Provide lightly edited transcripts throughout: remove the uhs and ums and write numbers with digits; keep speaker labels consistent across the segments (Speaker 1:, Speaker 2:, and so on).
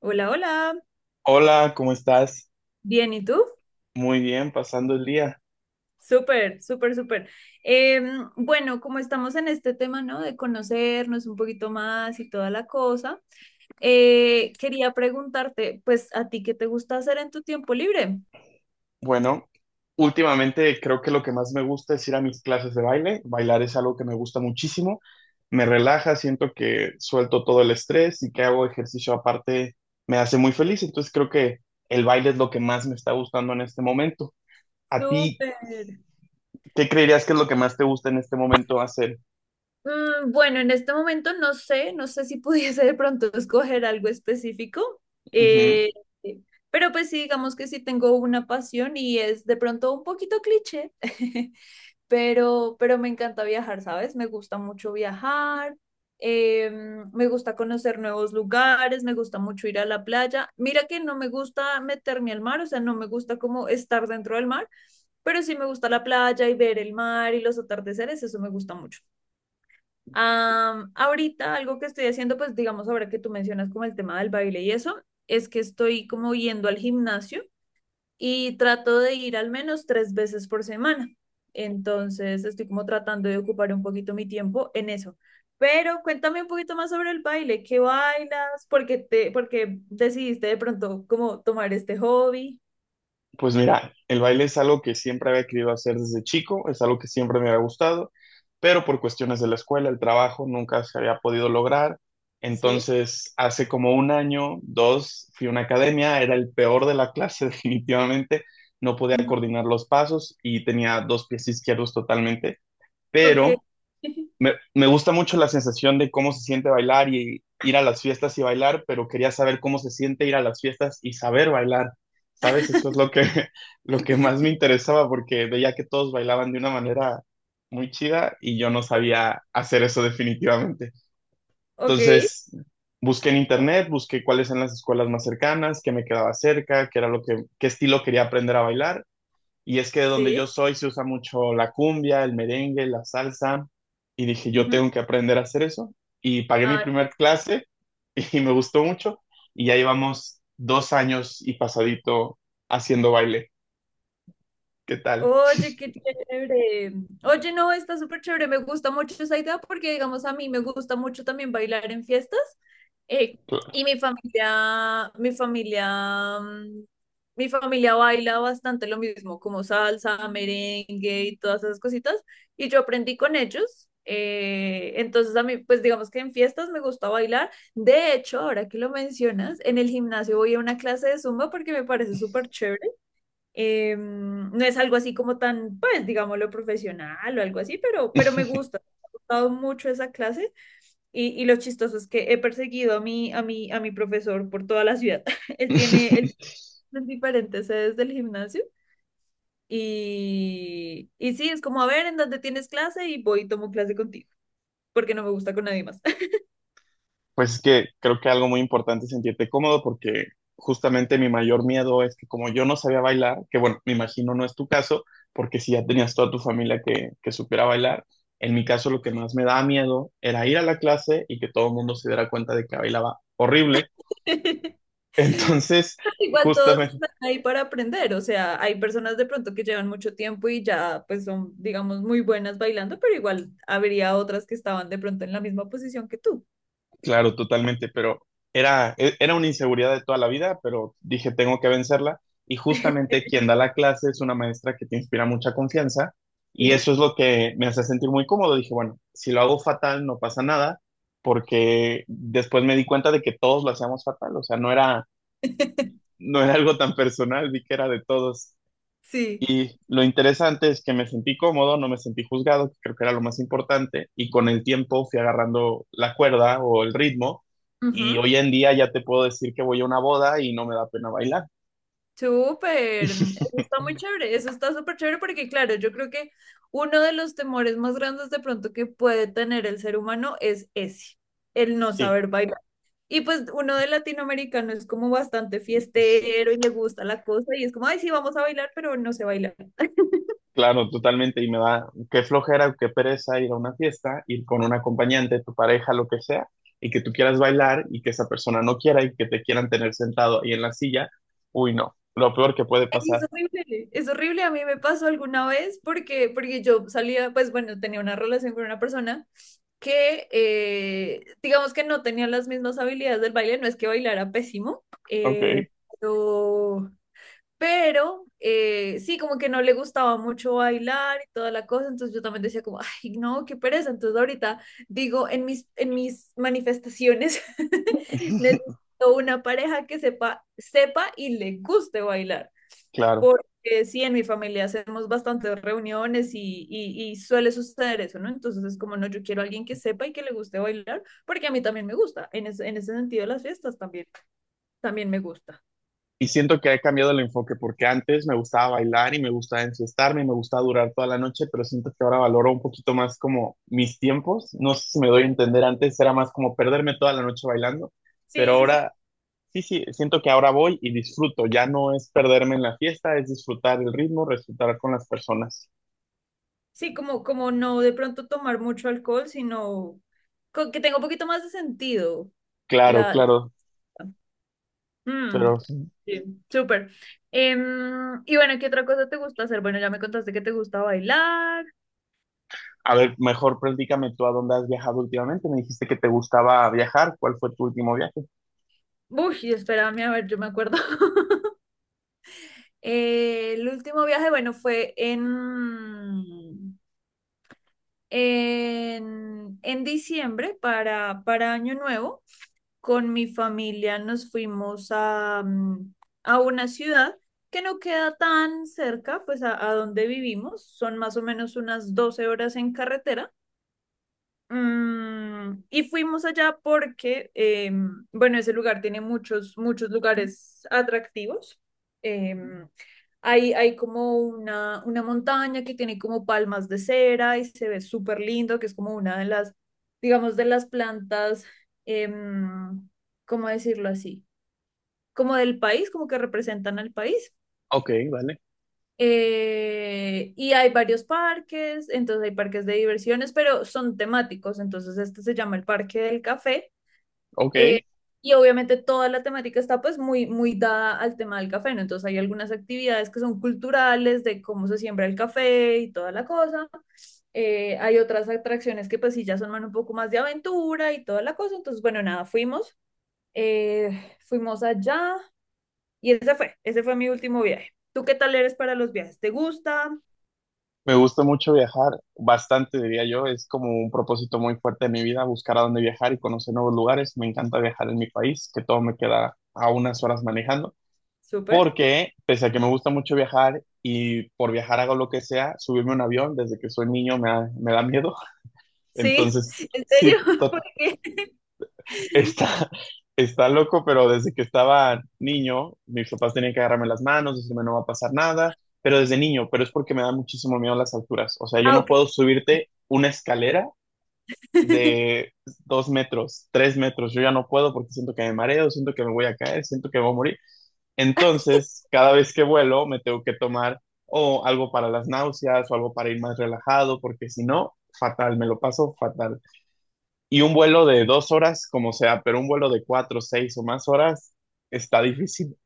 Speaker 1: Hola, hola.
Speaker 2: Hola, ¿cómo estás?
Speaker 1: Bien, ¿y tú?
Speaker 2: Muy bien, pasando el día.
Speaker 1: Súper, súper, súper. Bueno, como estamos en este tema, ¿no? De conocernos un poquito más y toda la cosa, quería preguntarte, pues, ¿a ti qué te gusta hacer en tu tiempo libre?
Speaker 2: Bueno, últimamente creo que lo que más me gusta es ir a mis clases de baile. Bailar es algo que me gusta muchísimo. Me relaja, siento que suelto todo el estrés y que hago ejercicio aparte me hace muy feliz. Entonces creo que el baile es lo que más me está gustando en este momento. ¿A ti
Speaker 1: Súper.
Speaker 2: qué creerías que es lo que más te gusta en este momento hacer?
Speaker 1: Bueno, en este momento no sé, no sé si pudiese de pronto escoger algo específico, eh, pero pues sí, digamos que sí tengo una pasión y es de pronto un poquito cliché. Pero me encanta viajar, ¿sabes? Me gusta mucho viajar, me gusta conocer nuevos lugares, me gusta mucho ir a la playa. Mira que no me gusta meterme al mar, o sea, no me gusta como estar dentro del mar, pero sí me gusta la playa y ver el mar y los atardeceres, eso me gusta mucho. Ahorita algo que estoy haciendo, pues digamos ahora que tú mencionas como el tema del baile y eso, es que estoy como yendo al gimnasio y trato de ir al menos 3 veces por semana. Entonces estoy como tratando de ocupar un poquito mi tiempo en eso. Pero cuéntame un poquito más sobre el baile, ¿qué bailas? ¿Por qué por qué decidiste de pronto como tomar este hobby?
Speaker 2: Pues mira, el baile es algo que siempre había querido hacer desde chico, es algo que siempre me había gustado, pero por cuestiones de la escuela, el trabajo, nunca se había podido lograr.
Speaker 1: Sí.
Speaker 2: Entonces, hace como un año, dos, fui a una academia, era el peor de la clase definitivamente, no podía
Speaker 1: Ujú.
Speaker 2: coordinar los pasos y tenía dos pies izquierdos totalmente,
Speaker 1: Ok.
Speaker 2: pero me gusta mucho la sensación de cómo se siente bailar y ir a las fiestas y bailar, pero quería saber cómo se siente ir a las fiestas y saber bailar. ¿Sabes? Eso es lo que, lo que más me interesaba porque veía que todos bailaban de una manera muy chida y yo no sabía hacer eso definitivamente.
Speaker 1: Ok,
Speaker 2: Entonces, busqué en internet, busqué cuáles eran las escuelas más cercanas, qué me quedaba cerca, qué era lo que, qué estilo quería aprender a bailar y es que de donde yo
Speaker 1: sí.
Speaker 2: soy se usa mucho la cumbia, el merengue, la salsa. Y dije, yo
Speaker 1: Ujú.
Speaker 2: tengo que aprender a hacer eso. Y pagué mi primer clase y me gustó mucho. Y ya llevamos 2 años y pasadito haciendo baile. ¿Qué tal?
Speaker 1: Oye, qué chévere. Oye, no, está súper chévere. Me gusta mucho esa idea porque, digamos, a mí me gusta mucho también bailar en fiestas. Eh, y mi familia, mi familia baila bastante lo mismo, como salsa, merengue y todas esas cositas. Y yo aprendí con ellos. Entonces a mí, pues digamos que en fiestas me gusta bailar. De hecho, ahora que lo mencionas, en el gimnasio voy a una clase de zumba porque me parece súper chévere, no es algo así como tan, pues, digámoslo, profesional o algo así, pero me gusta, me ha gustado mucho esa clase. Y lo chistoso es que he perseguido a mi profesor por toda la ciudad. Él tiene diferentes sedes del gimnasio. Y sí, es como, a ver, ¿en dónde tienes clase? Y voy y tomo clase contigo, porque no me gusta con nadie más.
Speaker 2: Pues es que creo que algo muy importante es sentirte cómodo porque justamente mi mayor miedo es que como yo no sabía bailar, que bueno, me imagino no es tu caso, porque si ya tenías toda tu familia que supiera bailar, en mi caso lo que más me daba miedo era ir a la clase y que todo el mundo se diera cuenta de que bailaba horrible. Entonces,
Speaker 1: Pero igual todos
Speaker 2: justamente
Speaker 1: están ahí para aprender, o sea, hay personas de pronto que llevan mucho tiempo y ya pues son, digamos, muy buenas bailando, pero igual habría otras que estaban de pronto en la misma posición que tú.
Speaker 2: claro, totalmente, pero era una inseguridad de toda la vida, pero dije, tengo que vencerla. Y justamente quien da la clase es una maestra que te inspira mucha confianza y
Speaker 1: Sí.
Speaker 2: eso es lo que me hace sentir muy cómodo. Dije, bueno, si lo hago fatal, no pasa nada, porque después me di cuenta de que todos lo hacíamos fatal, o sea, no era, no era algo tan personal, vi que era de todos.
Speaker 1: Sí.
Speaker 2: Y lo interesante es que me sentí cómodo, no me sentí juzgado, que creo que era lo más importante, y con el tiempo fui agarrando la cuerda o el ritmo, y
Speaker 1: Ujú.
Speaker 2: hoy en día ya te puedo decir que voy a una boda y no me da pena bailar.
Speaker 1: Súper. Eso está muy chévere. Eso está súper chévere porque, claro, yo creo que uno de los temores más grandes de pronto que puede tener el ser humano es ese, el no
Speaker 2: Sí,
Speaker 1: saber bailar. Y pues uno de latinoamericano es como bastante fiestero y le gusta la cosa y es como, ay, sí, vamos a bailar, pero no sé bailar.
Speaker 2: claro, totalmente, y me da qué flojera o qué pereza ir a una fiesta, ir con un acompañante, tu pareja, lo que sea, y que tú quieras bailar y que esa persona no quiera y que te quieran tener sentado ahí en la silla. Uy, no, lo peor que puede
Speaker 1: Ay, es
Speaker 2: pasar.
Speaker 1: horrible, es horrible. A mí me pasó alguna vez porque yo salía, pues bueno, tenía una relación con una persona que, digamos que no tenía las mismas habilidades del baile, no es que bailara pésimo,
Speaker 2: Ok,
Speaker 1: pero Pero sí, como que no le gustaba mucho bailar y toda la cosa, entonces yo también decía como, ay, no, qué pereza. Entonces ahorita digo en mis manifestaciones, necesito una pareja que sepa, sepa y le guste bailar,
Speaker 2: claro.
Speaker 1: porque sí, en mi familia hacemos bastantes reuniones y suele suceder eso, ¿no? Entonces es como, no, yo quiero a alguien que sepa y que le guste bailar, porque a mí también me gusta, en ese sentido las fiestas también, también me gusta.
Speaker 2: Y siento que he cambiado el enfoque porque antes me gustaba bailar y me gustaba enfiestarme y me gustaba durar toda la noche, pero siento que ahora valoro un poquito más como mis tiempos. No sé si me doy a
Speaker 1: Sí,
Speaker 2: entender, antes era más como perderme toda la noche bailando,
Speaker 1: sí,
Speaker 2: pero
Speaker 1: sí.
Speaker 2: ahora sí, sí, siento que ahora voy y disfruto. Ya no es perderme en la fiesta, es disfrutar el ritmo, disfrutar con las personas.
Speaker 1: Sí, como, como no de pronto tomar mucho alcohol, sino que tenga un poquito más de sentido.
Speaker 2: Claro,
Speaker 1: La,
Speaker 2: claro,
Speaker 1: Mm,
Speaker 2: pero sí.
Speaker 1: sí, súper. Y bueno, ¿qué otra cosa te gusta hacer? Bueno, ya me contaste que te gusta bailar.
Speaker 2: A ver, mejor platícame tú a dónde has viajado últimamente. Me dijiste que te gustaba viajar. ¿Cuál fue tu último viaje?
Speaker 1: Uy, espérame, a ver, yo me acuerdo. El último viaje, bueno, fue en diciembre para Año Nuevo. Con mi familia nos fuimos a, a una ciudad que no queda tan cerca, pues a donde vivimos, son más o menos unas 12 horas en carretera. Y fuimos allá porque, bueno, ese lugar tiene muchos, muchos lugares atractivos. Em, Hay como una montaña que tiene como palmas de cera y se ve súper lindo, que es como una de las, digamos, de las plantas, em, ¿cómo decirlo así? Como del país, como que representan al país.
Speaker 2: Ok, vale.
Speaker 1: Y hay varios parques, entonces hay parques de diversiones, pero son temáticos, entonces este se llama el Parque del Café,
Speaker 2: Ok,
Speaker 1: eh, y obviamente toda la temática está pues muy, muy dada al tema del café, ¿no? Entonces hay algunas actividades que son culturales de cómo se siembra el café y toda la cosa. Hay otras atracciones que pues sí ya son más- un poco más de aventura y toda la cosa. Entonces, bueno, nada, fuimos, fuimos allá y ese fue mi último viaje. ¿Tú qué tal eres para los viajes? ¿Te gusta?
Speaker 2: me gusta mucho viajar, bastante diría yo, es como un propósito muy fuerte de mi vida, buscar a dónde viajar y conocer nuevos lugares. Me encanta viajar en mi país, que todo me queda a unas horas manejando,
Speaker 1: Súper.
Speaker 2: porque pese a que me gusta mucho viajar y por viajar hago lo que sea, subirme a un avión desde que soy niño me da miedo.
Speaker 1: Sí,
Speaker 2: Entonces,
Speaker 1: ¿en
Speaker 2: sí,
Speaker 1: serio? ¿Por qué?
Speaker 2: Está, está loco, pero desde que estaba niño, mis papás tenían que agarrarme las manos, decirme no va a pasar nada, pero desde niño, pero es porque me da muchísimo miedo las alturas. O sea, yo
Speaker 1: Ah,
Speaker 2: no
Speaker 1: ok.
Speaker 2: puedo subirte una escalera de 2 metros, 3 metros, yo ya no puedo porque siento que me mareo, siento que me voy a caer, siento que me voy a morir. Entonces, cada vez que vuelo, me tengo que tomar o algo para las náuseas o algo para ir más relajado, porque si no, fatal, me lo paso fatal. Y un vuelo de 2 horas, como sea, pero un vuelo de 4, 6 o más horas está difícil.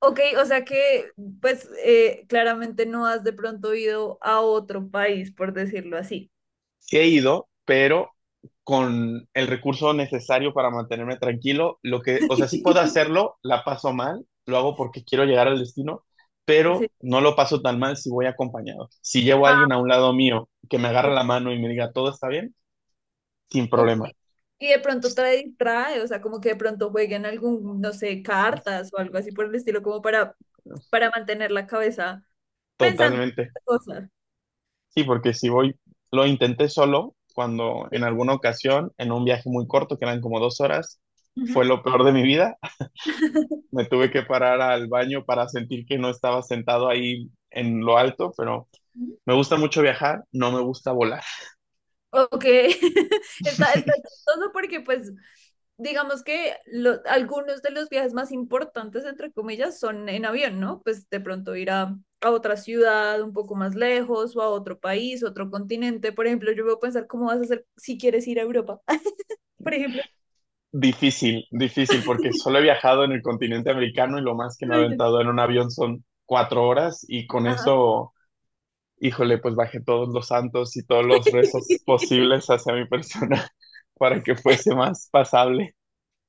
Speaker 1: Ok, o sea que pues claramente no has de pronto ido a otro país, por decirlo así.
Speaker 2: Sí he ido, pero con el recurso necesario para mantenerme tranquilo, lo que, o sea, sí puedo hacerlo, la paso mal, lo hago porque quiero llegar al destino,
Speaker 1: Sí.
Speaker 2: pero no lo paso tan mal si voy acompañado. Si llevo a alguien a
Speaker 1: Ah,
Speaker 2: un lado mío que me agarra
Speaker 1: o-
Speaker 2: la mano y me diga todo está bien, sin
Speaker 1: ok.
Speaker 2: problema.
Speaker 1: Y de pronto trae, o sea, como que de pronto jueguen algún, no sé, cartas o algo así por el estilo, como para mantener la cabeza pensando en
Speaker 2: Totalmente.
Speaker 1: otras cosas.
Speaker 2: Sí, porque si voy, lo intenté solo cuando
Speaker 1: Sí.
Speaker 2: en alguna ocasión, en un viaje muy corto, que eran como 2 horas, fue
Speaker 1: Ujú.
Speaker 2: lo peor de mi vida. Me tuve que parar al baño para sentir que no estaba sentado ahí en lo alto, pero me gusta mucho viajar, no me gusta volar.
Speaker 1: Ok, está chistoso porque pues digamos que algunos de los viajes más importantes, entre comillas, son en avión, ¿no? Pues de pronto ir a otra ciudad un poco más lejos o a otro país, otro continente. Por ejemplo, yo puedo pensar cómo vas a hacer si quieres ir a Europa, por ejemplo.
Speaker 2: Difícil, difícil, porque solo he viajado en el continente americano y lo más que me he aventado en un avión son 4 horas y con
Speaker 1: Ajá.
Speaker 2: eso, híjole, pues bajé todos los santos y todos los rezos posibles hacia mi persona para que fuese más pasable.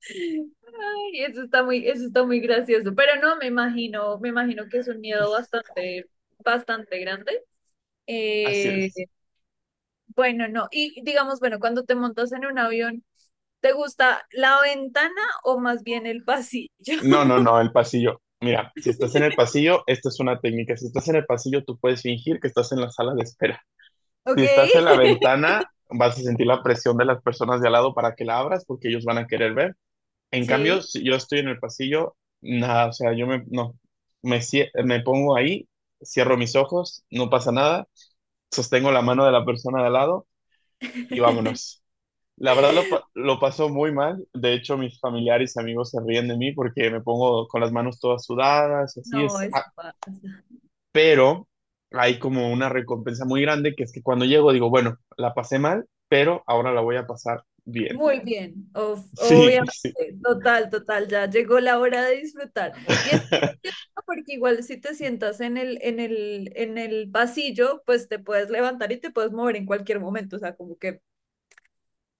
Speaker 1: Ay, eso está muy gracioso. Pero no, me imagino que es un miedo bastante, bastante grande.
Speaker 2: Así
Speaker 1: Eh,
Speaker 2: es.
Speaker 1: Bueno, no. Y digamos, bueno, cuando te montas en un avión, ¿te gusta la ventana o más bien el pasillo?
Speaker 2: No, no, no, el pasillo. Mira, si estás en el pasillo, esta es una técnica. Si estás en el pasillo, tú puedes fingir que estás en la sala de espera.
Speaker 1: ¿Ok?
Speaker 2: Si estás en la ventana, vas a sentir la presión de las personas de al lado para que la abras porque ellos van a querer ver. En
Speaker 1: Sí.
Speaker 2: cambio, si yo estoy en el pasillo, nada, o sea, yo me, no, me, me pongo ahí, cierro mis ojos, no pasa nada, sostengo la mano de la persona de al lado y vámonos. La verdad lo, lo pasó muy mal. De hecho, mis familiares y amigos se ríen de mí porque me pongo con las manos todas sudadas, así
Speaker 1: No,
Speaker 2: es.
Speaker 1: eso
Speaker 2: Ah,
Speaker 1: pasa.
Speaker 2: pero hay como una recompensa muy grande que es que cuando llego digo, bueno, la pasé mal, pero ahora la voy a pasar bien.
Speaker 1: Muy bien.
Speaker 2: Sí,
Speaker 1: Obviamente.
Speaker 2: sí.
Speaker 1: Total, total. Ya llegó la hora de disfrutar. Y es gracioso porque igual si te sientas en el pasillo, pues te puedes levantar y te puedes mover en cualquier momento. O sea, como que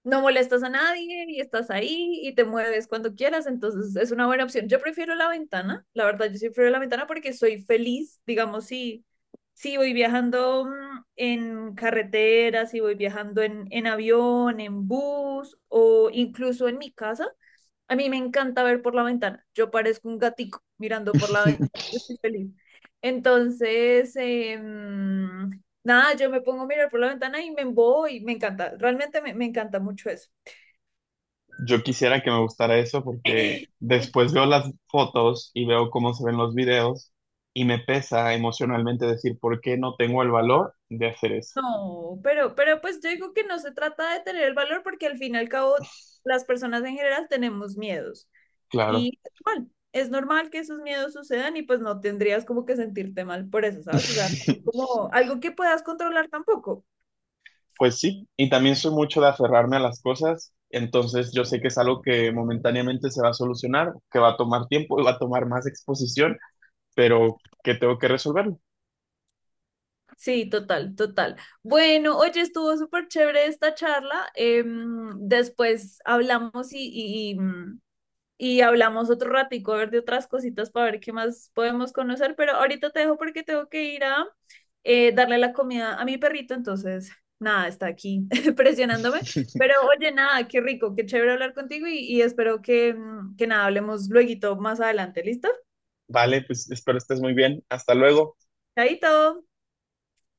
Speaker 1: no molestas a nadie y estás ahí y te mueves cuando quieras, entonces es una buena opción. Yo prefiero la ventana, la verdad, yo sí prefiero la ventana porque soy feliz, digamos, si voy viajando en carretera, si voy viajando en avión, en bus o incluso en mi casa, a mí me encanta ver por la ventana. Yo parezco un gatico mirando por la ventana. Yo estoy feliz. Entonces, nada, yo me pongo a mirar por la ventana y me embobo y me encanta. Realmente me encanta mucho eso.
Speaker 2: Yo quisiera que me gustara eso porque después veo las fotos y veo cómo se ven los videos y me pesa emocionalmente decir por qué no tengo el valor de hacer eso.
Speaker 1: No, pero pues yo digo que no se trata de tener el valor porque al fin y al cabo las personas en general tenemos miedos
Speaker 2: Claro.
Speaker 1: y es normal que esos miedos sucedan y pues no tendrías como que sentirte mal por eso, ¿sabes? O sea, no como algo que puedas controlar tampoco.
Speaker 2: Pues sí, y también soy mucho de aferrarme a las cosas, entonces yo sé que es algo que momentáneamente se va a solucionar, que va a tomar tiempo y va a tomar más exposición, pero que tengo que resolverlo.
Speaker 1: Sí, total, total. Bueno, oye, estuvo súper chévere esta charla. Después hablamos y, y hablamos otro ratico, a ver de otras cositas para ver qué más podemos conocer, pero ahorita te dejo porque tengo que ir a, darle la comida a mi perrito, entonces, nada, está aquí presionándome. Pero oye, nada, qué rico, qué chévere hablar contigo y espero que, que nada, hablemos luego más adelante, ¿listo?
Speaker 2: Vale, pues espero estés muy bien. Hasta luego.
Speaker 1: Chaito.